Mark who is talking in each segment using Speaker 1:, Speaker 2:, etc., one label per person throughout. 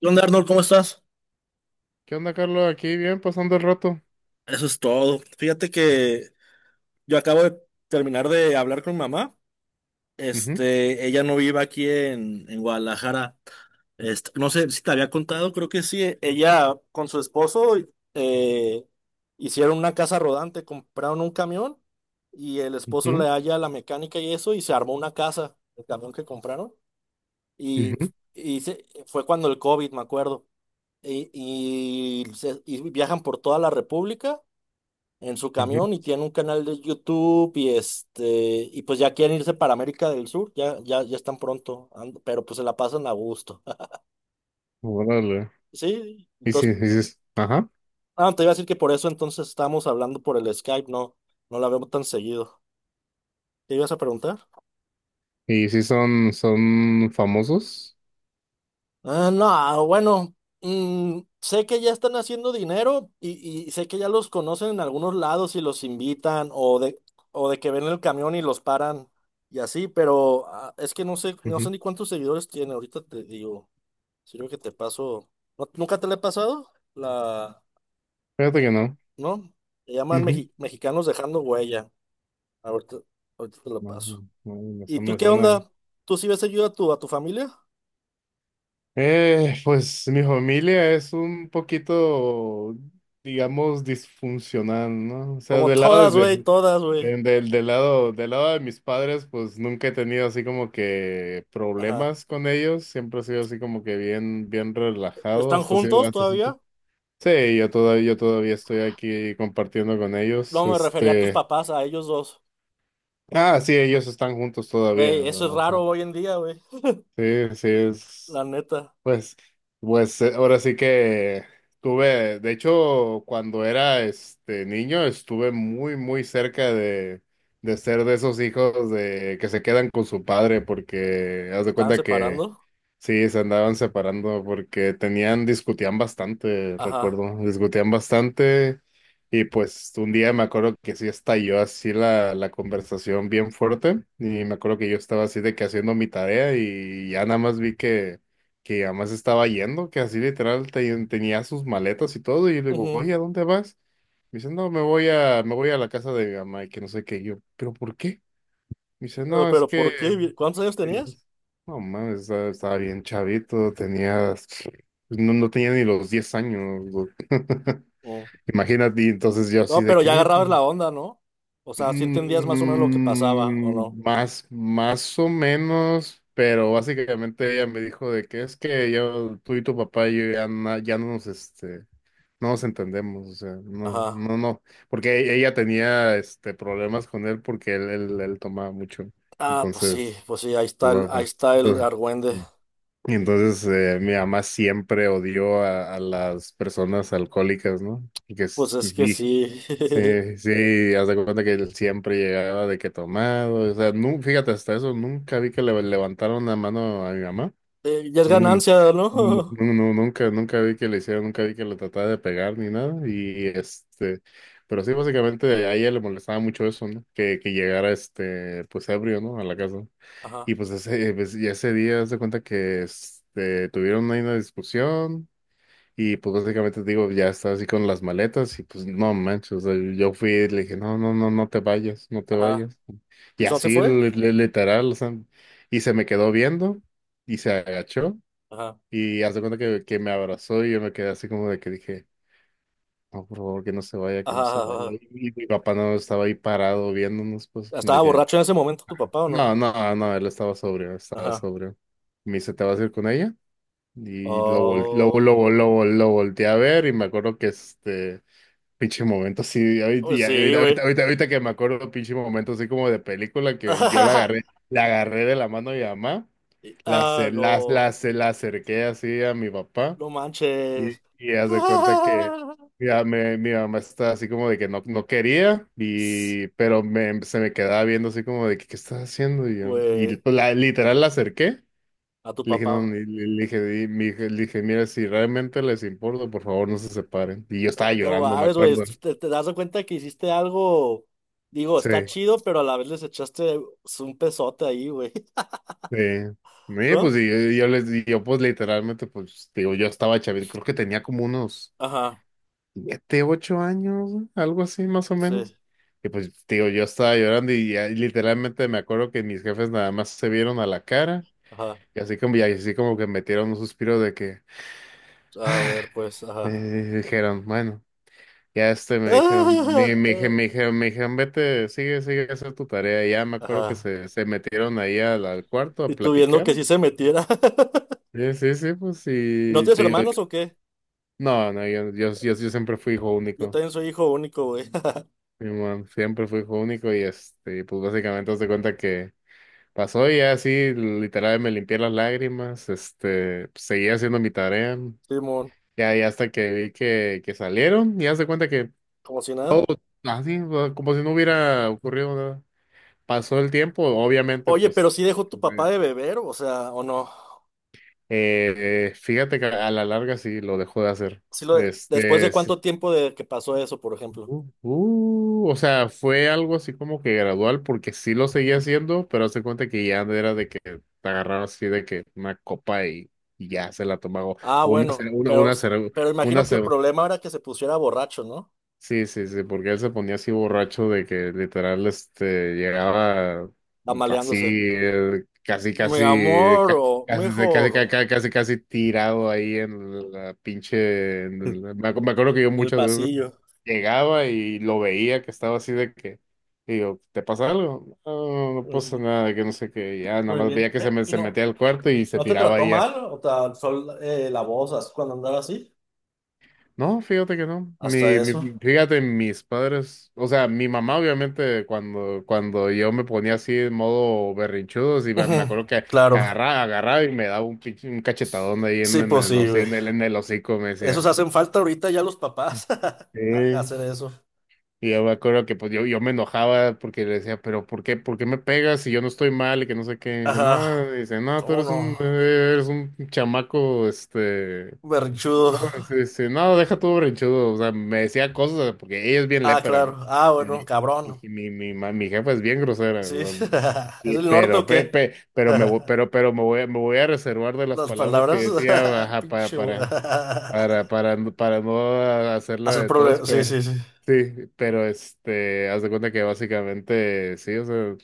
Speaker 1: ¿Qué onda, Arnold? ¿Cómo estás?
Speaker 2: ¿Qué onda, Carlos? Aquí bien, pasando el rato.
Speaker 1: Eso es todo. Fíjate que yo acabo de terminar de hablar con mamá.
Speaker 2: Ujú,
Speaker 1: Ella no vive aquí en Guadalajara. No sé si te había contado, creo que sí. Ella con su esposo eh, hicieron una casa rodante, compraron un camión y el esposo le
Speaker 2: ujú,
Speaker 1: halla la mecánica y eso y se armó una casa, el camión que compraron. Y,
Speaker 2: ujú,
Speaker 1: y fue cuando el COVID, me acuerdo. Y viajan por toda la República en su
Speaker 2: ujú.
Speaker 1: camión y tiene un canal de YouTube y pues ya quieren irse para América del Sur, ya están pronto, pero pues se la pasan a gusto.
Speaker 2: Órale.
Speaker 1: Sí,
Speaker 2: Y si,
Speaker 1: entonces
Speaker 2: y si es- ajá.
Speaker 1: te iba a decir que por eso entonces estamos hablando por el Skype, no la vemos tan seguido. ¿Te ibas a preguntar?
Speaker 2: ¿Y si son famosos?
Speaker 1: Ah, no, bueno, sé que ya están haciendo dinero y sé que ya los conocen en algunos lados y los invitan o de que ven el camión y los paran y así, pero es que no sé, no sé
Speaker 2: Ujú.
Speaker 1: ni cuántos seguidores tiene, ahorita te digo, sirve que te paso. ¿Nunca te le he pasado? La,
Speaker 2: Fíjate que no.
Speaker 1: ¿no? Le llaman
Speaker 2: Ujú.
Speaker 1: Mexicanos Dejando Huella. Ahorita, ahorita te lo
Speaker 2: No, no,
Speaker 1: paso.
Speaker 2: no, no,
Speaker 1: ¿Y
Speaker 2: eso
Speaker 1: tú
Speaker 2: me
Speaker 1: qué
Speaker 2: suena.
Speaker 1: onda? ¿Tú sí ves seguido a tu familia?
Speaker 2: Pues mi familia es un poquito, digamos, disfuncional, ¿no? O sea,
Speaker 1: Como
Speaker 2: del lado
Speaker 1: todas, güey, todas, güey.
Speaker 2: de- del, del lado de mis padres, pues nunca he tenido así como que
Speaker 1: Ajá.
Speaker 2: problemas con ellos. Siempre he sido así como que bien, bien relajado
Speaker 1: ¿Están
Speaker 2: hasta cierto,
Speaker 1: juntos
Speaker 2: hasta cierto.
Speaker 1: todavía?
Speaker 2: Sí, yo todavía estoy aquí compartiendo con
Speaker 1: No,
Speaker 2: ellos.
Speaker 1: me refería a tus
Speaker 2: Este,
Speaker 1: papás, a ellos dos.
Speaker 2: ah, sí, ellos están juntos todavía,
Speaker 1: Güey, eso es
Speaker 2: ¿verdad? O sea,
Speaker 1: raro hoy en día, güey.
Speaker 2: sí, sí
Speaker 1: La
Speaker 2: es.
Speaker 1: neta,
Speaker 2: Pues, pues, ahora sí que tuve, de hecho, cuando era niño, estuve muy, muy cerca de ser de esos hijos de que se quedan con su padre, porque haz
Speaker 1: ¿se
Speaker 2: de
Speaker 1: estaban
Speaker 2: cuenta que...
Speaker 1: separando?
Speaker 2: Sí, se andaban separando porque discutían bastante,
Speaker 1: Ajá.
Speaker 2: recuerdo, discutían bastante. Y pues un día me acuerdo que sí estalló así la conversación bien fuerte, y me acuerdo que yo estaba así de que haciendo mi tarea y ya nada más vi que además estaba yendo, que así literal tenía sus maletas y todo, y le digo,
Speaker 1: Ujú.
Speaker 2: oye, ¿a dónde vas? Me dice, no, me voy a la casa de mi mamá y que no sé qué. Y yo, pero ¿por qué? Me dice, no, es
Speaker 1: Pero
Speaker 2: que...
Speaker 1: ¿por qué? ¿Cuántos años tenías?
Speaker 2: No mames, estaba bien chavito, tenía, pues, no, no tenía ni los 10 años, güey.
Speaker 1: Mm.
Speaker 2: Imagínate. Y entonces yo así
Speaker 1: No,
Speaker 2: de
Speaker 1: pero
Speaker 2: que,
Speaker 1: ya
Speaker 2: oye, pues,
Speaker 1: agarrabas la onda, ¿no? O sea, sí entendías más o menos lo que pasaba, ¿o no?
Speaker 2: más o menos, pero básicamente ella me dijo de que es que yo, tú y tu papá, no nos entendemos, o sea, no,
Speaker 1: Ajá.
Speaker 2: no, no, porque ella tenía, problemas con él, porque él tomaba mucho,
Speaker 1: Ah,
Speaker 2: entonces.
Speaker 1: pues sí,
Speaker 2: Ujú.
Speaker 1: ahí está el argüende.
Speaker 2: Y entonces, mi mamá siempre odió a las personas alcohólicas, ¿no? Y que
Speaker 1: Pues es que
Speaker 2: sí,
Speaker 1: sí.
Speaker 2: sí, sí, haz de cuenta que él siempre llegaba de que tomado, o sea, fíjate, hasta eso nunca vi que le levantaron la mano a mi mamá.
Speaker 1: Ya es
Speaker 2: nunca,
Speaker 1: ganancia,
Speaker 2: nu- nu-
Speaker 1: ¿no?
Speaker 2: nu- nu- nunca, nunca vi que le hicieron, nunca vi que le tratara de pegar ni nada, y pero sí, básicamente a ella le molestaba mucho eso, ¿no? Que llegara, pues ebrio, ¿no?, a la casa.
Speaker 1: Ajá,
Speaker 2: Y pues, y ese día se cuenta que, tuvieron ahí una discusión, y pues básicamente digo, ya estaba así con las maletas y pues no manches, o sea, yo fui y le dije, no, no, no, no te vayas, no te
Speaker 1: ajá.
Speaker 2: vayas.
Speaker 1: ¿Y
Speaker 2: Y
Speaker 1: no se
Speaker 2: así,
Speaker 1: fue?
Speaker 2: literal, o sea, y se me quedó viendo y se agachó,
Speaker 1: Ajá,
Speaker 2: y hace cuenta que me abrazó, y yo me quedé así como de que dije, no, por favor, que no se vaya, que no
Speaker 1: ajá,
Speaker 2: se
Speaker 1: ajá.
Speaker 2: vaya.
Speaker 1: Ajá.
Speaker 2: Y mi papá no estaba ahí parado viéndonos, pues, de
Speaker 1: ¿Estaba
Speaker 2: que...
Speaker 1: borracho en ese momento tu papá o no?
Speaker 2: No, no, no, él estaba sobrio, estaba
Speaker 1: Ajá.
Speaker 2: sobrio. Me dice, ¿te vas a ir con ella? Y lo, vol-
Speaker 1: Oh,
Speaker 2: lo volteé a ver, y me acuerdo que este pinche momento así, ahorita,
Speaker 1: pues
Speaker 2: y
Speaker 1: sí,
Speaker 2: ahorita, ahorita,
Speaker 1: güey.
Speaker 2: ahorita- ahorita que me acuerdo, pinche momento así como de película, que yo la agarré de la mano de mi mamá, la,
Speaker 1: Ah,
Speaker 2: acer- la, la,
Speaker 1: no,
Speaker 2: acer- la acerqué así a mi papá.
Speaker 1: no
Speaker 2: Y,
Speaker 1: manches.
Speaker 2: y haz de cuenta que,
Speaker 1: Ah,
Speaker 2: mira, mi mamá está así como de que no, no quería, y, pero, se me quedaba viendo así como de que, ¿qué estás haciendo? Y, yo, y
Speaker 1: güey,
Speaker 2: la, literal la acerqué.
Speaker 1: a tu
Speaker 2: Le dije, no,
Speaker 1: papá.
Speaker 2: le dije, "Di- mi hija", le dije, mira, si realmente les importa, por favor, no se separen. Y yo estaba
Speaker 1: No
Speaker 2: llorando, me
Speaker 1: mames, güey,
Speaker 2: acuerdo.
Speaker 1: te das cuenta que hiciste algo, digo,
Speaker 2: Sí,
Speaker 1: está chido, pero a la vez les echaste un pesote ahí, güey,
Speaker 2: sí. Sí, pues
Speaker 1: ¿no?
Speaker 2: y yo, pues literalmente, pues digo, yo estaba chavito, creo que tenía como unos
Speaker 1: Ajá,
Speaker 2: 7, 8 años, güey, algo así más o menos.
Speaker 1: sí,
Speaker 2: Y pues, digo, yo estaba llorando, y ya literalmente me acuerdo que mis jefes nada más se vieron a la cara,
Speaker 1: ajá.
Speaker 2: y así como que metieron un suspiro de que,
Speaker 1: A ver, pues,
Speaker 2: eh,
Speaker 1: ajá.
Speaker 2: dijeron, bueno, ya me dijeron,
Speaker 1: Ah, ah,
Speaker 2: me dijeron, vete, sigue, sigue, a hacer tu tarea. Y ya me acuerdo que
Speaker 1: ajá.
Speaker 2: se metieron ahí al, al cuarto a
Speaker 1: Y tú viendo
Speaker 2: platicar.
Speaker 1: que sí se metiera.
Speaker 2: Sí, sí, sí, pues
Speaker 1: ¿No
Speaker 2: sí
Speaker 1: tienes
Speaker 2: te digo,
Speaker 1: hermanos o qué?
Speaker 2: no, no, yo siempre fui hijo
Speaker 1: Yo
Speaker 2: único.
Speaker 1: también soy hijo único, güey.
Speaker 2: Sí, man, siempre fui hijo único, y, pues básicamente haz de cuenta que pasó, y ya así, literal me limpié las lágrimas, seguía haciendo mi tarea,
Speaker 1: Simón,
Speaker 2: ya, ya hasta que vi que salieron, y haz de cuenta que
Speaker 1: como si nada.
Speaker 2: todo así, o sea, como si no hubiera ocurrido nada. Pasó el tiempo, obviamente,
Speaker 1: Oye,
Speaker 2: pues,
Speaker 1: pero sí dejó tu papá de beber, o sea, o no.
Speaker 2: fíjate que a la larga sí lo dejó de hacer.
Speaker 1: Después de
Speaker 2: Sí.
Speaker 1: cuánto tiempo de que pasó eso, por ejemplo.
Speaker 2: O sea, fue algo así como que gradual, porque sí lo seguía haciendo, pero hace cuenta que ya era de que te agarraba así de que una copa, y ya se la tomaba. O
Speaker 1: Ah,
Speaker 2: una, ce-
Speaker 1: bueno, pero,
Speaker 2: una, cere-
Speaker 1: pero
Speaker 2: una,
Speaker 1: imagino que el
Speaker 2: ce-
Speaker 1: problema era que se pusiera borracho, ¿no?
Speaker 2: Sí, sí, sí, porque él se ponía así borracho de que literal, llegaba así,
Speaker 1: Amaleándose. Mi amor, o mi hijo,
Speaker 2: casi, casi, tirado ahí en la pinche... en la- me acu- Me acuerdo que yo
Speaker 1: en el
Speaker 2: muchas veces
Speaker 1: pasillo.
Speaker 2: llegaba y lo veía que estaba así de que, y digo, ¿te pasa algo? No, no pasa
Speaker 1: Mm,
Speaker 2: nada, de que no sé qué, ya nada
Speaker 1: Muy
Speaker 2: más
Speaker 1: bien.
Speaker 2: veía que
Speaker 1: ¿Y
Speaker 2: se
Speaker 1: no,
Speaker 2: metía al cuarto y se
Speaker 1: no te
Speaker 2: tiraba
Speaker 1: trató
Speaker 2: ahí ya.
Speaker 1: mal? O te alzó la voz así cuando andaba así.
Speaker 2: No, fíjate que no.
Speaker 1: Hasta eso.
Speaker 2: Fíjate, mis padres, o sea, mi mamá obviamente cuando, cuando yo me ponía así en modo berrinchudo, sí, me
Speaker 1: Ujú.
Speaker 2: me acuerdo que
Speaker 1: Claro.
Speaker 2: agarraba y me daba un cachetadón ahí en,
Speaker 1: Sí,
Speaker 2: en el, hoci-
Speaker 1: posible.
Speaker 2: en el, en el hocico, me
Speaker 1: Esos
Speaker 2: decía.
Speaker 1: hacen falta ahorita ya los papás
Speaker 2: Sí.
Speaker 1: hacer eso.
Speaker 2: Y yo me acuerdo que pues yo me enojaba, porque le decía, pero por qué me pegas si yo no estoy mal y que no sé qué? Y
Speaker 1: Ajá,
Speaker 2: dice, no, tú
Speaker 1: ¿cómo
Speaker 2: eres un,
Speaker 1: no?
Speaker 2: eres un chamaco, no,
Speaker 1: Berrinchudo.
Speaker 2: no, no, deja todo berrinchudo. O sea, me decía cosas porque ella es bien
Speaker 1: Ah,
Speaker 2: lépera, ¿no?
Speaker 1: claro. Ah, bueno,
Speaker 2: El- Mi,
Speaker 1: cabrón.
Speaker 2: mi, mi, ma- mi jefa es bien grosera.
Speaker 1: Sí.
Speaker 2: O sea,
Speaker 1: ¿Es el norte o qué?
Speaker 2: pero me voy, pero, pero me voy, a- me voy a reservar de las
Speaker 1: Las
Speaker 2: palabras que
Speaker 1: palabras.
Speaker 2: decía, ajá, pa-
Speaker 1: Pinche.
Speaker 2: para, para, para, no- para, no hacerla
Speaker 1: Hacer
Speaker 2: de todos,
Speaker 1: problemas. Sí,
Speaker 2: pero
Speaker 1: sí, sí.
Speaker 2: sí, pero haz de cuenta que básicamente sí, o sea,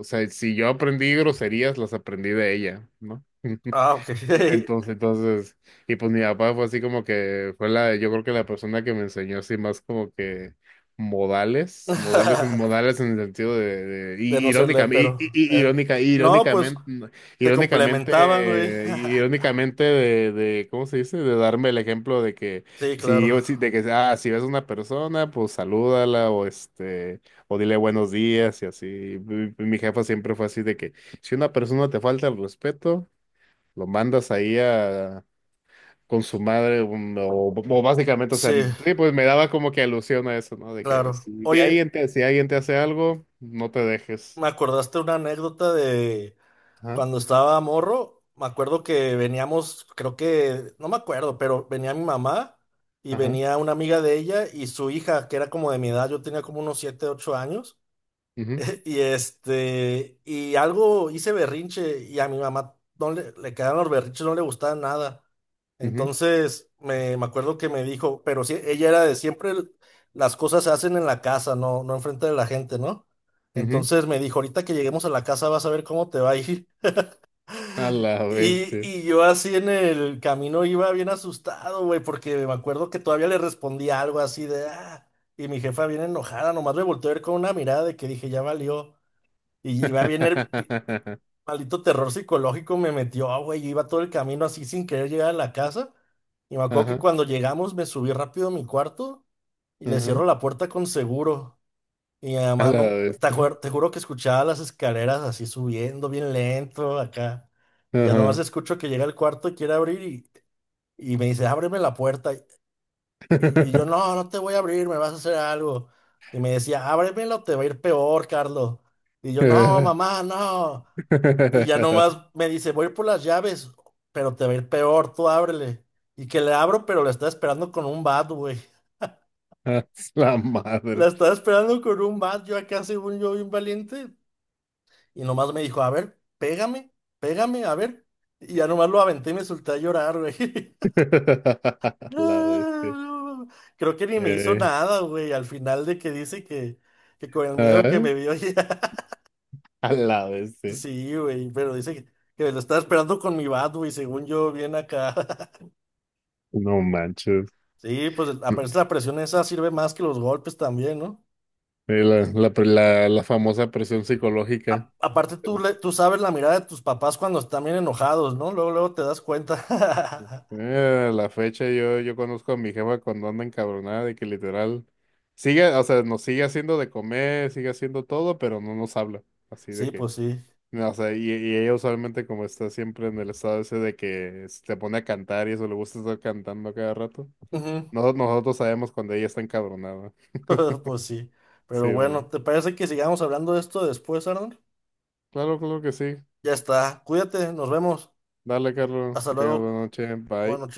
Speaker 2: si yo aprendí groserías, las aprendí de ella, ¿no?
Speaker 1: Ah, ok.
Speaker 2: Entonces, y pues mi papá fue así como que fue yo creo que la persona que me enseñó así más como que modales, modales en modales en el sentido
Speaker 1: De no serle, pero no, pues
Speaker 2: irónicamente, no,
Speaker 1: te
Speaker 2: irónicamente,
Speaker 1: complementaban, güey.
Speaker 2: irónicamente ¿cómo se dice? De darme el ejemplo de que
Speaker 1: Sí,
Speaker 2: si,
Speaker 1: claro.
Speaker 2: o si- de que, ah, si ves a una persona, pues salúdala o o dile buenos días y así. Mi jefa siempre fue así de que si una persona te falta el respeto, lo mandas ahí con su madre, o básicamente, o sea,
Speaker 1: Sí,
Speaker 2: sí, pues me daba como que alusión a eso, ¿no? De que
Speaker 1: claro. Oye,
Speaker 2: si alguien te hace algo, no te dejes.
Speaker 1: me acordaste una anécdota de.
Speaker 2: Ajá,
Speaker 1: Cuando estaba morro, me acuerdo que veníamos, creo que, no me acuerdo, pero venía mi mamá y
Speaker 2: ajá,
Speaker 1: venía una amiga de ella y su hija, que era como de mi edad, yo tenía como unos 7, 8 años, y y algo hice berrinche y a mi mamá no le quedaron los berrinches, no le gustaban nada.
Speaker 2: ujú, ujú,
Speaker 1: Entonces, me acuerdo que me dijo, pero sí, ella era de siempre las cosas se hacen en la casa, no enfrente de la gente, ¿no?
Speaker 2: ujú.
Speaker 1: Entonces me dijo, ahorita que lleguemos a la casa vas a ver cómo te va a ir.
Speaker 2: A la
Speaker 1: Y,
Speaker 2: bestia.
Speaker 1: y yo así en el camino iba bien asustado, güey, porque me acuerdo que todavía le respondí algo así de, y mi jefa bien enojada, nomás me volteó a ver con una mirada de que dije, ya valió. Y iba bien maldito terror psicológico me metió, güey, yo iba todo el camino así sin querer llegar a la casa. Y me acuerdo que
Speaker 2: Ajá,
Speaker 1: cuando llegamos me subí rápido a mi cuarto y le
Speaker 2: ajá,
Speaker 1: cierro la puerta con seguro. Y mi
Speaker 2: a
Speaker 1: mamá,
Speaker 2: la
Speaker 1: no,
Speaker 2: bestia.
Speaker 1: te juro que escuchaba las escaleras así subiendo bien lento acá. Y ya nomás
Speaker 2: Ajá.
Speaker 1: escucho que llega al cuarto y quiere abrir y me dice, ábreme la puerta. Y yo, no, no te voy a abrir, me vas a hacer algo. Y me decía, ábremela o te va a ir peor, Carlos. Y yo, no, mamá, no. Y ya nomás me dice, voy a ir por las llaves, pero te va a ir peor, tú ábrele. Y que le abro, pero la está esperando con un bat, güey.
Speaker 2: A la
Speaker 1: La
Speaker 2: madre.
Speaker 1: estaba esperando con un bat, yo acá según yo bien valiente. Y nomás me dijo, a ver, pégame, pégame, a ver. Y ya nomás lo aventé y me solté a llorar, güey.
Speaker 2: A la bestia.
Speaker 1: No, no. Creo que ni me hizo
Speaker 2: Eh,
Speaker 1: nada, güey. Al final de que dice que con el miedo que
Speaker 2: ajá,
Speaker 1: me vio ya.
Speaker 2: a la bestia.
Speaker 1: Sí, güey, pero dice que lo estaba esperando con mi bat, güey, según yo, bien acá.
Speaker 2: No manches.
Speaker 1: Sí, pues
Speaker 2: Sí,
Speaker 1: aparece la presión esa sirve más que los golpes también, ¿no?
Speaker 2: la famosa presión psicológica.
Speaker 1: Aparte tú,
Speaker 2: Sí.
Speaker 1: le- tú sabes la mirada de tus papás cuando están bien enojados, ¿no? Luego, luego te das cuenta.
Speaker 2: A la fecha yo conozco a mi jefa cuando anda encabronada, de que literal sigue, o sea, nos sigue haciendo de comer, sigue haciendo todo, pero no nos habla. Así
Speaker 1: Sí,
Speaker 2: de que,
Speaker 1: pues sí.
Speaker 2: no, o sea, y ella usualmente, como está siempre en el estado ese de que se te pone a cantar, y eso, le gusta estar cantando a cada rato.
Speaker 1: Ujú.
Speaker 2: Nosotros sabemos cuando ella está encabronada.
Speaker 1: Pues sí. Pero
Speaker 2: Sí,
Speaker 1: bueno,
Speaker 2: bueno.
Speaker 1: ¿te parece que sigamos hablando de esto después, Arnold?
Speaker 2: Claro, claro que sí.
Speaker 1: Ya está. Cuídate, nos vemos.
Speaker 2: Dale, Carlos,
Speaker 1: Hasta
Speaker 2: que tengas
Speaker 1: luego.
Speaker 2: buena noche.
Speaker 1: Buenas
Speaker 2: Bye.
Speaker 1: noches.